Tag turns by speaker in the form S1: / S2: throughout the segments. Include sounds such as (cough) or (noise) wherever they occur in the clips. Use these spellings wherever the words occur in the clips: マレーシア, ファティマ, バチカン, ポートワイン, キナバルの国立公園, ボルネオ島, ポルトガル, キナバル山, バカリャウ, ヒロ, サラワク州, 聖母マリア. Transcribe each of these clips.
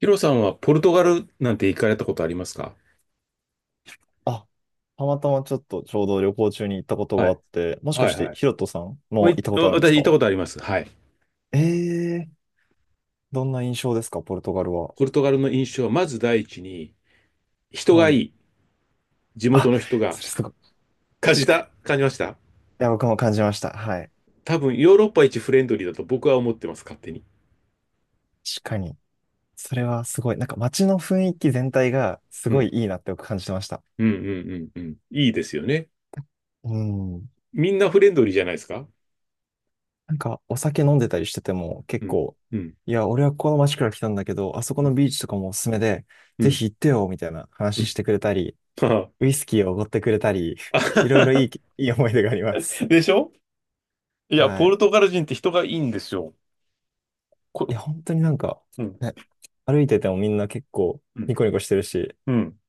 S1: ヒロさんはポルトガルなんて行かれたことありますか？
S2: あ、たまたまちょっとちょうど旅行中に行ったこと
S1: は
S2: があ
S1: い。
S2: って、もしか
S1: は
S2: し
S1: い
S2: て
S1: はい。
S2: ヒロトさん
S1: お
S2: も
S1: い、
S2: 行ったこと
S1: お
S2: あるんです
S1: 私行っ
S2: か？
S1: たことあります。はい。
S2: ええー、どんな印象ですか、ポルトガルは。
S1: ポルトガルの印象は、まず第一に、人が
S2: は
S1: い
S2: い。
S1: い。地元
S2: あ、
S1: の人が。
S2: それすごい。
S1: 感じ
S2: 確かに。い
S1: た感じました
S2: や、僕も感じました。はい。
S1: 多分、ヨーロッパ一フレンドリーだと僕は思ってます、勝手に。
S2: 確かに。それはすごい。なんか街の雰囲気全体がす
S1: う
S2: ご
S1: ん。
S2: いいいなって僕感じてました。
S1: うんうんうんうん。いいですよね。
S2: うん。
S1: みんなフレンドリーじゃないですか？
S2: なんかお酒飲んでたりしてても
S1: う
S2: 結
S1: ん。
S2: 構、
S1: うん。
S2: いや、俺はここの街から来たんだけど、あそこ
S1: うん。
S2: のビーチとかもおすすめで、
S1: う
S2: ぜ
S1: ん。
S2: ひ行ってよ、みたいな話してくれたり、
S1: (laughs) は
S2: ウイスキーをおごってくれたり、
S1: あ
S2: (laughs) いろいろい
S1: は
S2: い、いい思い出がありま
S1: は
S2: す。
S1: でしょ。いや、
S2: は
S1: ポル
S2: い。
S1: トガル人って人がいいんですよ。
S2: いや、
S1: こ、
S2: 本当になんか、
S1: うん。
S2: ね、歩いててもみんな結構
S1: うん。
S2: ニコニコしてるし、
S1: うん。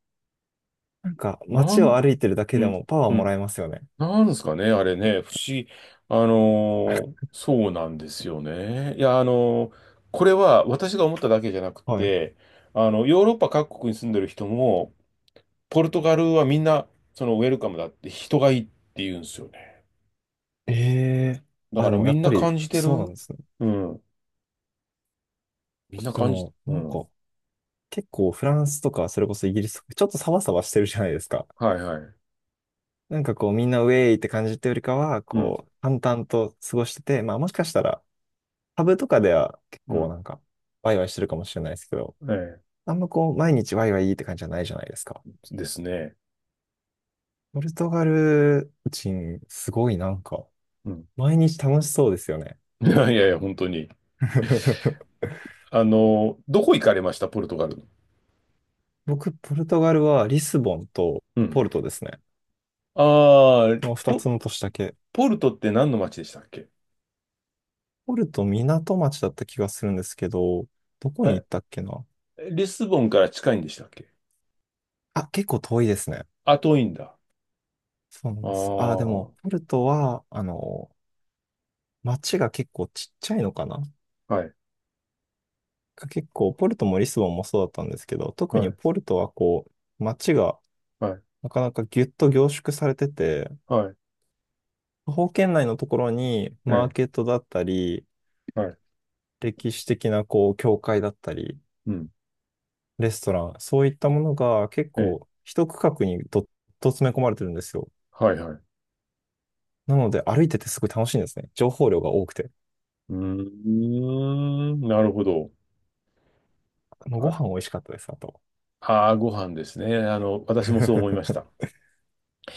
S2: なんか
S1: な
S2: 街を
S1: ん、
S2: 歩いてるだ
S1: う
S2: けで
S1: ん。
S2: もパワー
S1: う
S2: もら
S1: ん
S2: えますよね。
S1: なんですかね、あれね、不思議。そうなんですよね。いや、これは私が思っただけじゃなく
S2: はい。
S1: て、ヨーロッパ各国に住んでる人も、ポルトガルはみんな、ウェルカムだって人がいいって言うんですよね。
S2: ええ、
S1: だ
S2: あ、
S1: か
S2: で
S1: ら
S2: も
S1: み
S2: やっ
S1: ん
S2: ぱ
S1: な
S2: り
S1: 感じて
S2: そうなん
S1: る。
S2: ですね。
S1: うん。みんな
S2: で
S1: 感じ、
S2: も、
S1: うん。
S2: 結構フランスとかそれこそイギリスとかちょっとサバサバしてるじゃないですか。
S1: はいはい。
S2: なんかこうみんなウェイって感じってよりかは、
S1: うん。
S2: こう淡々と過ごしてて、まあもしかしたらタブとかでは結
S1: う
S2: 構な
S1: ん。
S2: んかワイワイしてるかもしれないですけど、
S1: え
S2: あんまこう、毎日ワイワイって感じじゃないじゃないですか。
S1: え。ですね。
S2: ポルトガル人、すごい
S1: うん。
S2: 毎日楽しそうですよね。
S1: (laughs) いやいやいや、本当に。
S2: (laughs)
S1: どこ行かれました、ポルトガルの？
S2: 僕、ポルトガルはリスボンと
S1: うん。
S2: ポルトですね。
S1: あ
S2: こ
S1: あ、
S2: の二
S1: ポ
S2: つの都市だけ。
S1: ポルトって何の町でしたっけ？
S2: ポルト、港町だった気がするんですけど、どこに
S1: あ、
S2: 行ったっけな。
S1: リスボンから近いんでしたっけ？
S2: あ、結構遠いですね。
S1: あ、遠いんだ。
S2: そうな
S1: ああ、
S2: んです。あ、でも、
S1: は
S2: ポルトは、町が結構ちっちゃいのかな。
S1: い、
S2: 結構、ポルトもリスボンもそうだったんですけど、
S1: は
S2: 特に
S1: い、
S2: ポルトはこう、町が
S1: はい、
S2: なかなかギュッと凝縮されてて、
S1: はい、
S2: 徒歩圏内のところにマー
S1: え
S2: ケットだったり、
S1: え、はい、
S2: 歴史的なこう、教会だったり、
S1: うん、
S2: レストラン、そういったものが結
S1: ええ、
S2: 構一区画にどっと詰め込まれてるんですよ。
S1: はい、はい。
S2: なので歩いててすごい楽しいんですね。情報量が多くて。
S1: うーん、なるほど。
S2: もうご
S1: あ、
S2: 飯美味しかったです、あと。
S1: ご飯ですね。私もそう思いまし
S2: (laughs)
S1: た。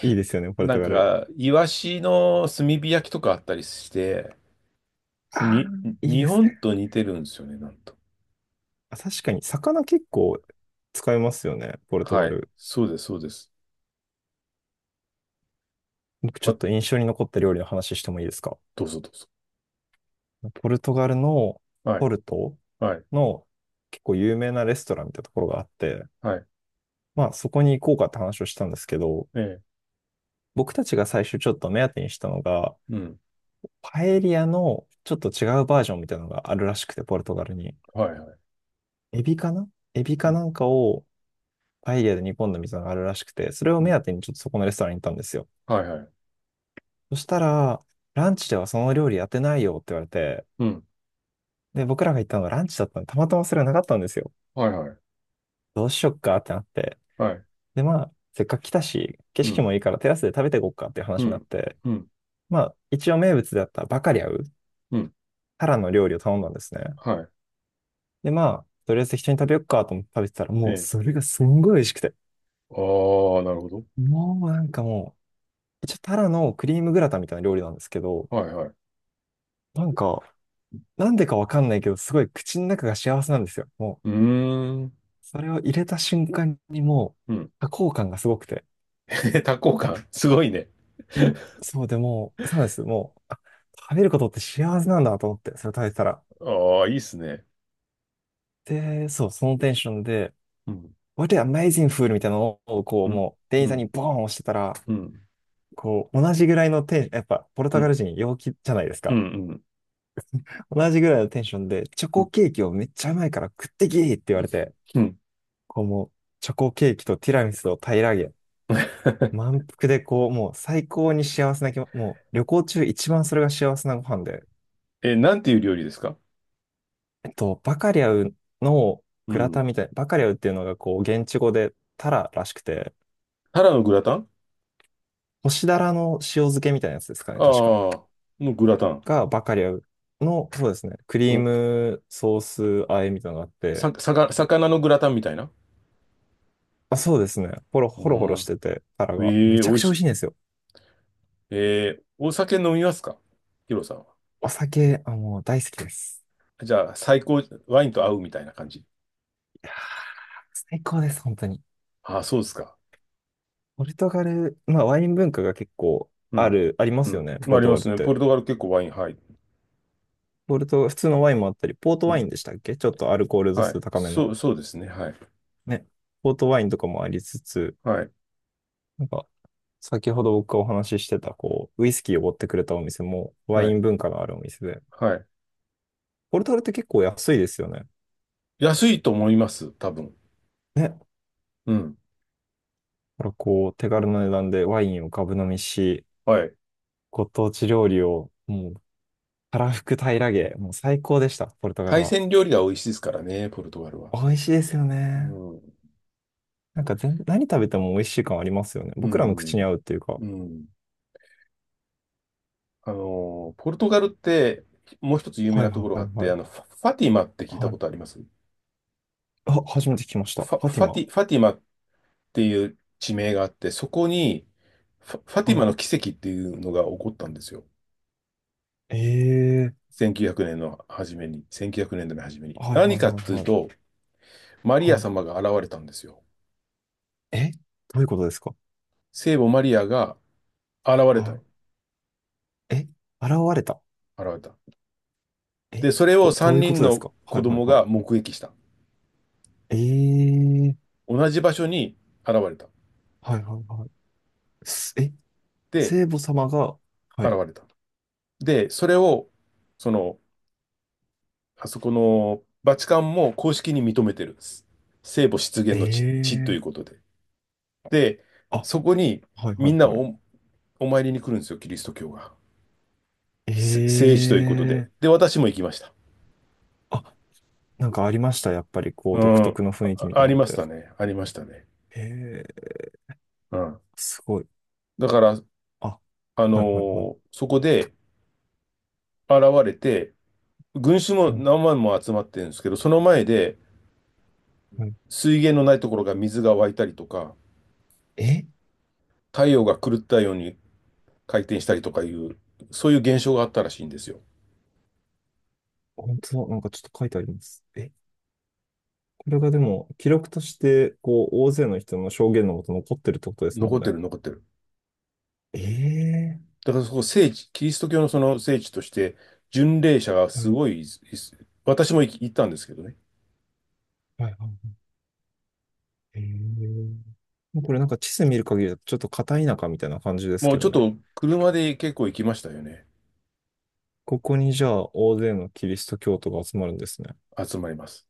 S2: いいですよね、ポル
S1: な
S2: ト
S1: ん
S2: ガル。
S1: か、イワシの炭火焼きとかあったりして、
S2: ああ、
S1: に、
S2: いい
S1: 日
S2: です
S1: 本
S2: ね。
S1: と似てるんですよね、なんと。
S2: あ、確かに、魚結構使いますよね、ポルトガ
S1: はい。
S2: ル。
S1: そうです、そうです。
S2: 僕ちょ
S1: あ、
S2: っと印象に残った料理の話してもいいですか？
S1: どうぞどうぞ。
S2: ポルトガルの
S1: は
S2: ポ
S1: い、
S2: ルト
S1: はい、
S2: の結構有名なレストランみたいなところがあって、
S1: はい。
S2: まあそこに行こうかって話をしたんですけど、
S1: ええ、
S2: 僕たちが最初ちょっと目当てにしたのが、
S1: うん。
S2: パエリアのちょっと違うバージョンみたいなのがあるらしくて、ポルトガルに。
S1: はい、
S2: エビかな、エビ
S1: う
S2: か
S1: ん、
S2: なんかをパエリアで煮込んだみたいなのがあるらしくて、それを
S1: う
S2: 目
S1: ん、
S2: 当てにちょっとそこのレストランに行ったんですよ。
S1: はいはい。
S2: そしたら、ランチではその料理やってないよって言われて、
S1: うん、
S2: で、僕らが行ったのがランチだったので、たまたまそれがなかったんですよ。
S1: はいはい。
S2: どうしよっか。
S1: はい。
S2: で、まあ、せっかく来たし、景
S1: う
S2: 色
S1: ん、
S2: もいいからテラスで食べていこうかっていう
S1: う
S2: 話になっ
S1: ん、
S2: て、
S1: うん、
S2: まあ、一応名物であったバカリャウ、
S1: うん、
S2: タラの料理を頼んだんですね。
S1: はい。
S2: で、まあ、とりあえず適当に食べよっかと思って食べてたら、
S1: え
S2: もう
S1: え。
S2: それがすんごい美味しくて。
S1: ああ、なるほど。
S2: もうなんかもう、一応タラのクリームグラタンみたいな料理なんですけど、
S1: はいはい。
S2: なんか、なんでかわかんないけど、すごい口の中が幸せなんですよ。も
S1: うーん、
S2: う、それを入れた瞬間にも
S1: うん。
S2: う、多幸感がすごくて。
S1: (laughs) 多幸感、すごいね。
S2: で、そうでもう、そうなんです。もう、あ食べることって幸せなんだと思って、それ食べてたら、
S1: ああ、いいっすね。
S2: で、そう、そのテンションで、
S1: うん、
S2: What an amazing food! みたいなのを、こう、
S1: うん、
S2: もう、店員
S1: う
S2: さん
S1: ん、
S2: にボーン押してたら、
S1: うん、
S2: こう、同じぐらいのテンション、やっぱ、ポル
S1: う
S2: トガ
S1: ん、
S2: ル人陽気じゃないです
S1: うん、
S2: か。
S1: うん、
S2: 同じぐらいのテンションで、チョ
S1: う
S2: コ
S1: ん、
S2: ケーキをめっちゃうまいから食ってきって言われて、
S1: うん。
S2: こう、もう、チョコケーキとティラミスを平らげ、
S1: (laughs)
S2: 満腹で、最高に幸せな気も、もう、旅行中一番それが幸せなご飯で、
S1: え、なんていう料理ですか？
S2: バカリャウの
S1: う
S2: グラタ
S1: ん。
S2: ンみたい、バカリャウっていうのが、こう、現地語でタラらしくて、
S1: タラのグラタン。
S2: 干しだらの塩漬けみたいなやつですかね、
S1: あ
S2: 確か。
S1: あー、のグラタン。
S2: が、バカリャウの、そうですね、クリー
S1: お、
S2: ムソース和えみたいなのがあって、
S1: さ、さか魚のグラタンみたいな。
S2: あ、そうですね、ほろ
S1: う
S2: ほろほろし
S1: ん。
S2: てて、タラが、
S1: え
S2: め
S1: え美
S2: ちゃく
S1: 味
S2: ちゃ美味し
S1: し、
S2: いんですよ。
S1: お酒飲みますか、ヒロさんは？
S2: お酒、あ、もう大好きです。
S1: じゃあ、最高、ワインと合うみたいな感じ。
S2: 最高です、本当に。
S1: ああ、そうですか。
S2: ポルトガル、まあワイン文化が結構
S1: う
S2: あ
S1: ん。
S2: る、ありま
S1: う
S2: すよ
S1: ん。
S2: ね、
S1: ま
S2: ポ
S1: あ、あ
S2: ル
S1: り
S2: ト
S1: ま
S2: ガル
S1: す
S2: っ
S1: ね。ポ
S2: て。
S1: ルトガル結構ワイン、はい。
S2: ポルト、普通のワインもあったり、ポート
S1: う
S2: ワイン
S1: ん。
S2: でしたっけ、ちょっとアルコール度
S1: は
S2: 数
S1: い。
S2: 高め
S1: そ
S2: の。
S1: う、そうですね。はい。
S2: ね。ポートワインとかもありつつ、
S1: はい。
S2: なんか、先ほど僕がお話ししてた、こう、ウイスキーを持ってくれたお店も、ワ
S1: は
S2: イ
S1: い。
S2: ン文化のあるお店で、
S1: はい。
S2: ポルトガルって結構安いですよね。
S1: 安いと思います。多分。
S2: ね。だか
S1: うん。
S2: らこう、手軽な値段でワインをガブ飲みし、
S1: はい。
S2: ご当地料理を、もう、たらふく平らげ、もう最高でした、ポルトガル
S1: 海
S2: は。
S1: 鮮料理が美味しいですからね、ポルトガルは。
S2: 美味しいですよ
S1: う
S2: ね。
S1: ん。
S2: なんか全、何食べても美味しい感ありますよね。
S1: う
S2: 僕らの口に
S1: ん。
S2: 合うっていうか。
S1: うん。ポルトガルって、もう一つ有名
S2: は
S1: な
S2: い
S1: とこ
S2: は
S1: ろがあ
S2: い
S1: っ
S2: は
S1: て、
S2: い。
S1: ファティマって聞いた
S2: は
S1: こ
S2: い。
S1: とあります？
S2: あ、初めて聞きました。フ
S1: ファ、
S2: ァテ
S1: フ
S2: ィ
S1: ァテ
S2: マ。
S1: ィ、ファティマっていう地名があって、そこにファ、ファティ
S2: は
S1: マ
S2: い。
S1: の奇跡っていうのが起こったんですよ。
S2: ええー。
S1: 1900年の初めに、1900年の初めに。
S2: はい
S1: 何
S2: はい
S1: かっ
S2: はい
S1: ていう
S2: はい。
S1: と、マリア
S2: はい。
S1: 様が現れたんですよ。
S2: え、どういうことですか？
S1: 聖母マリアが現れた
S2: はい。
S1: の。
S2: え、現れた。
S1: 現れた。
S2: え、
S1: で、それ
S2: ど、
S1: を
S2: どう
S1: 3
S2: いうこ
S1: 人
S2: とです
S1: の
S2: か？
S1: 子
S2: はいはい
S1: 供
S2: はい。
S1: が目撃した。
S2: ええ、
S1: 同じ場所に現れた。
S2: はいはいはい。すえ、
S1: で、
S2: 聖母様が、は
S1: 現
S2: い。
S1: れた。で、それを、その、あそこのバチカンも公式に認めてるんです。聖母出現の地とい
S2: え
S1: うこ
S2: え、
S1: とで。で、
S2: あ、
S1: そこに
S2: はいは
S1: みん
S2: い
S1: な
S2: はい。
S1: お参りに来るんですよ、キリスト教が。せ聖
S2: え
S1: 地ということで。
S2: え、
S1: で、私も行きました。
S2: あ、なんかありました。やっぱりこ
S1: う
S2: う、独
S1: ん。
S2: 特の雰囲気
S1: あ、
S2: みた
S1: あ
S2: いな
S1: り
S2: のっ
S1: ました
S2: て。
S1: ね。ありましたね。
S2: ええ、
S1: うん。
S2: すごい。
S1: だから、
S2: あ、はいはいはい。
S1: そこで現れて、群衆も
S2: はい
S1: 何万も集まってるんですけど、その前で
S2: はい。
S1: 水源のないところが水が湧いたりとか、
S2: え、
S1: 太陽が狂ったように回転したりとかいう、そういう現象があったらしいんですよ。
S2: 本当だ。なんかちょっと書いてあります。え、これがでも、記録として、こう、大勢の人の証言のもと残ってるってことです
S1: 残
S2: もん
S1: って
S2: ね。
S1: る、残ってる。
S2: ええ、
S1: だからそこ聖地、キリスト教のその聖地として、巡礼者が
S2: は
S1: す
S2: い
S1: ごい、私も行ったんですけどね。
S2: はいはい。えー、これなんか地図見る限りだとちょっと片田舎みたいな感じです
S1: もう
S2: け
S1: ち
S2: ど
S1: ょっ
S2: ね。
S1: と車で結構行きましたよね。
S2: ここにじゃあ大勢のキリスト教徒が集まるんですね。
S1: 集まります。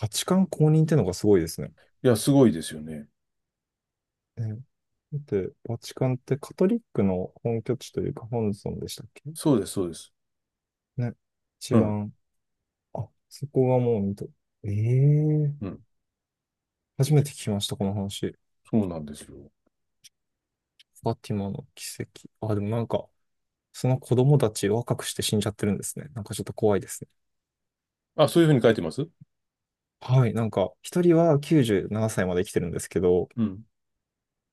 S2: バチカン公認ってのがすごいですね。
S1: いや、すごいですよね。
S2: ね、だって、バチカンってカトリックの本拠地というか本尊でしたっけ？
S1: そうです、そうです。
S2: ね。一
S1: うん、
S2: 番、あ、そこがもう見と、ええ、
S1: うん、
S2: 初めて聞きました、この話。
S1: そうなんですよ。
S2: ファティマの奇跡。あ、でもなんか、その子供たち若くして死んじゃってるんですね。なんかちょっと怖いですね。
S1: あ、そういうふうに書いてます？
S2: はい、なんか、一人は97歳まで生きてるんですけど、
S1: うん、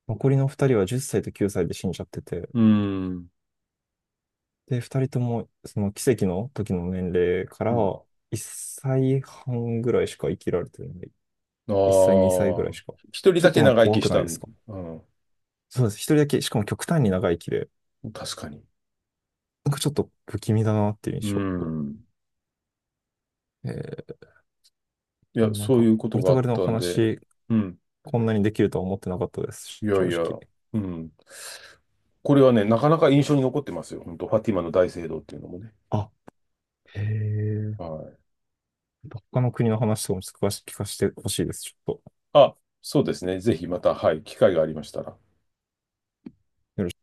S2: 残りの二人は10歳と9歳で死んじゃってて、
S1: うん、
S2: で、二人とも、その奇跡の時の年齢か
S1: う
S2: ら
S1: ん。
S2: 1歳半ぐらいしか生きられてない。
S1: あ
S2: 1歳、2歳ぐらい
S1: あ、
S2: しか。
S1: 一人
S2: ちょ
S1: だ
S2: っ
S1: け
S2: となんか
S1: 長生
S2: 怖
S1: きし
S2: くな
S1: た
S2: いです
S1: ん、
S2: か？
S1: うん、
S2: そうです。一人だけ、しかも極端に長生きで、
S1: 確かに。
S2: なんかちょっと不気味だなっていう
S1: う
S2: 印象。
S1: ん。
S2: えー、
S1: い
S2: で
S1: や、
S2: もなん
S1: そう
S2: か、
S1: いうこ
S2: ポ
S1: と
S2: ル
S1: が
S2: ト
S1: あ
S2: ガ
S1: っ
S2: ルのお
S1: たんで、
S2: 話、
S1: うん。
S2: こんなにできるとは思ってなかったで
S1: い
S2: す、
S1: や
S2: 正
S1: いや、
S2: 直。
S1: うん。これはね、なかなか印象に残ってますよ。本当ファティマの大聖堂っていうのもね。
S2: あ、へえ。
S1: はい。
S2: 他の国の話とかもちょっと詳しく聞かせてほしいです。ちょっと。
S1: あ、そうですね。ぜひまた、はい、機会がありましたら。
S2: よろし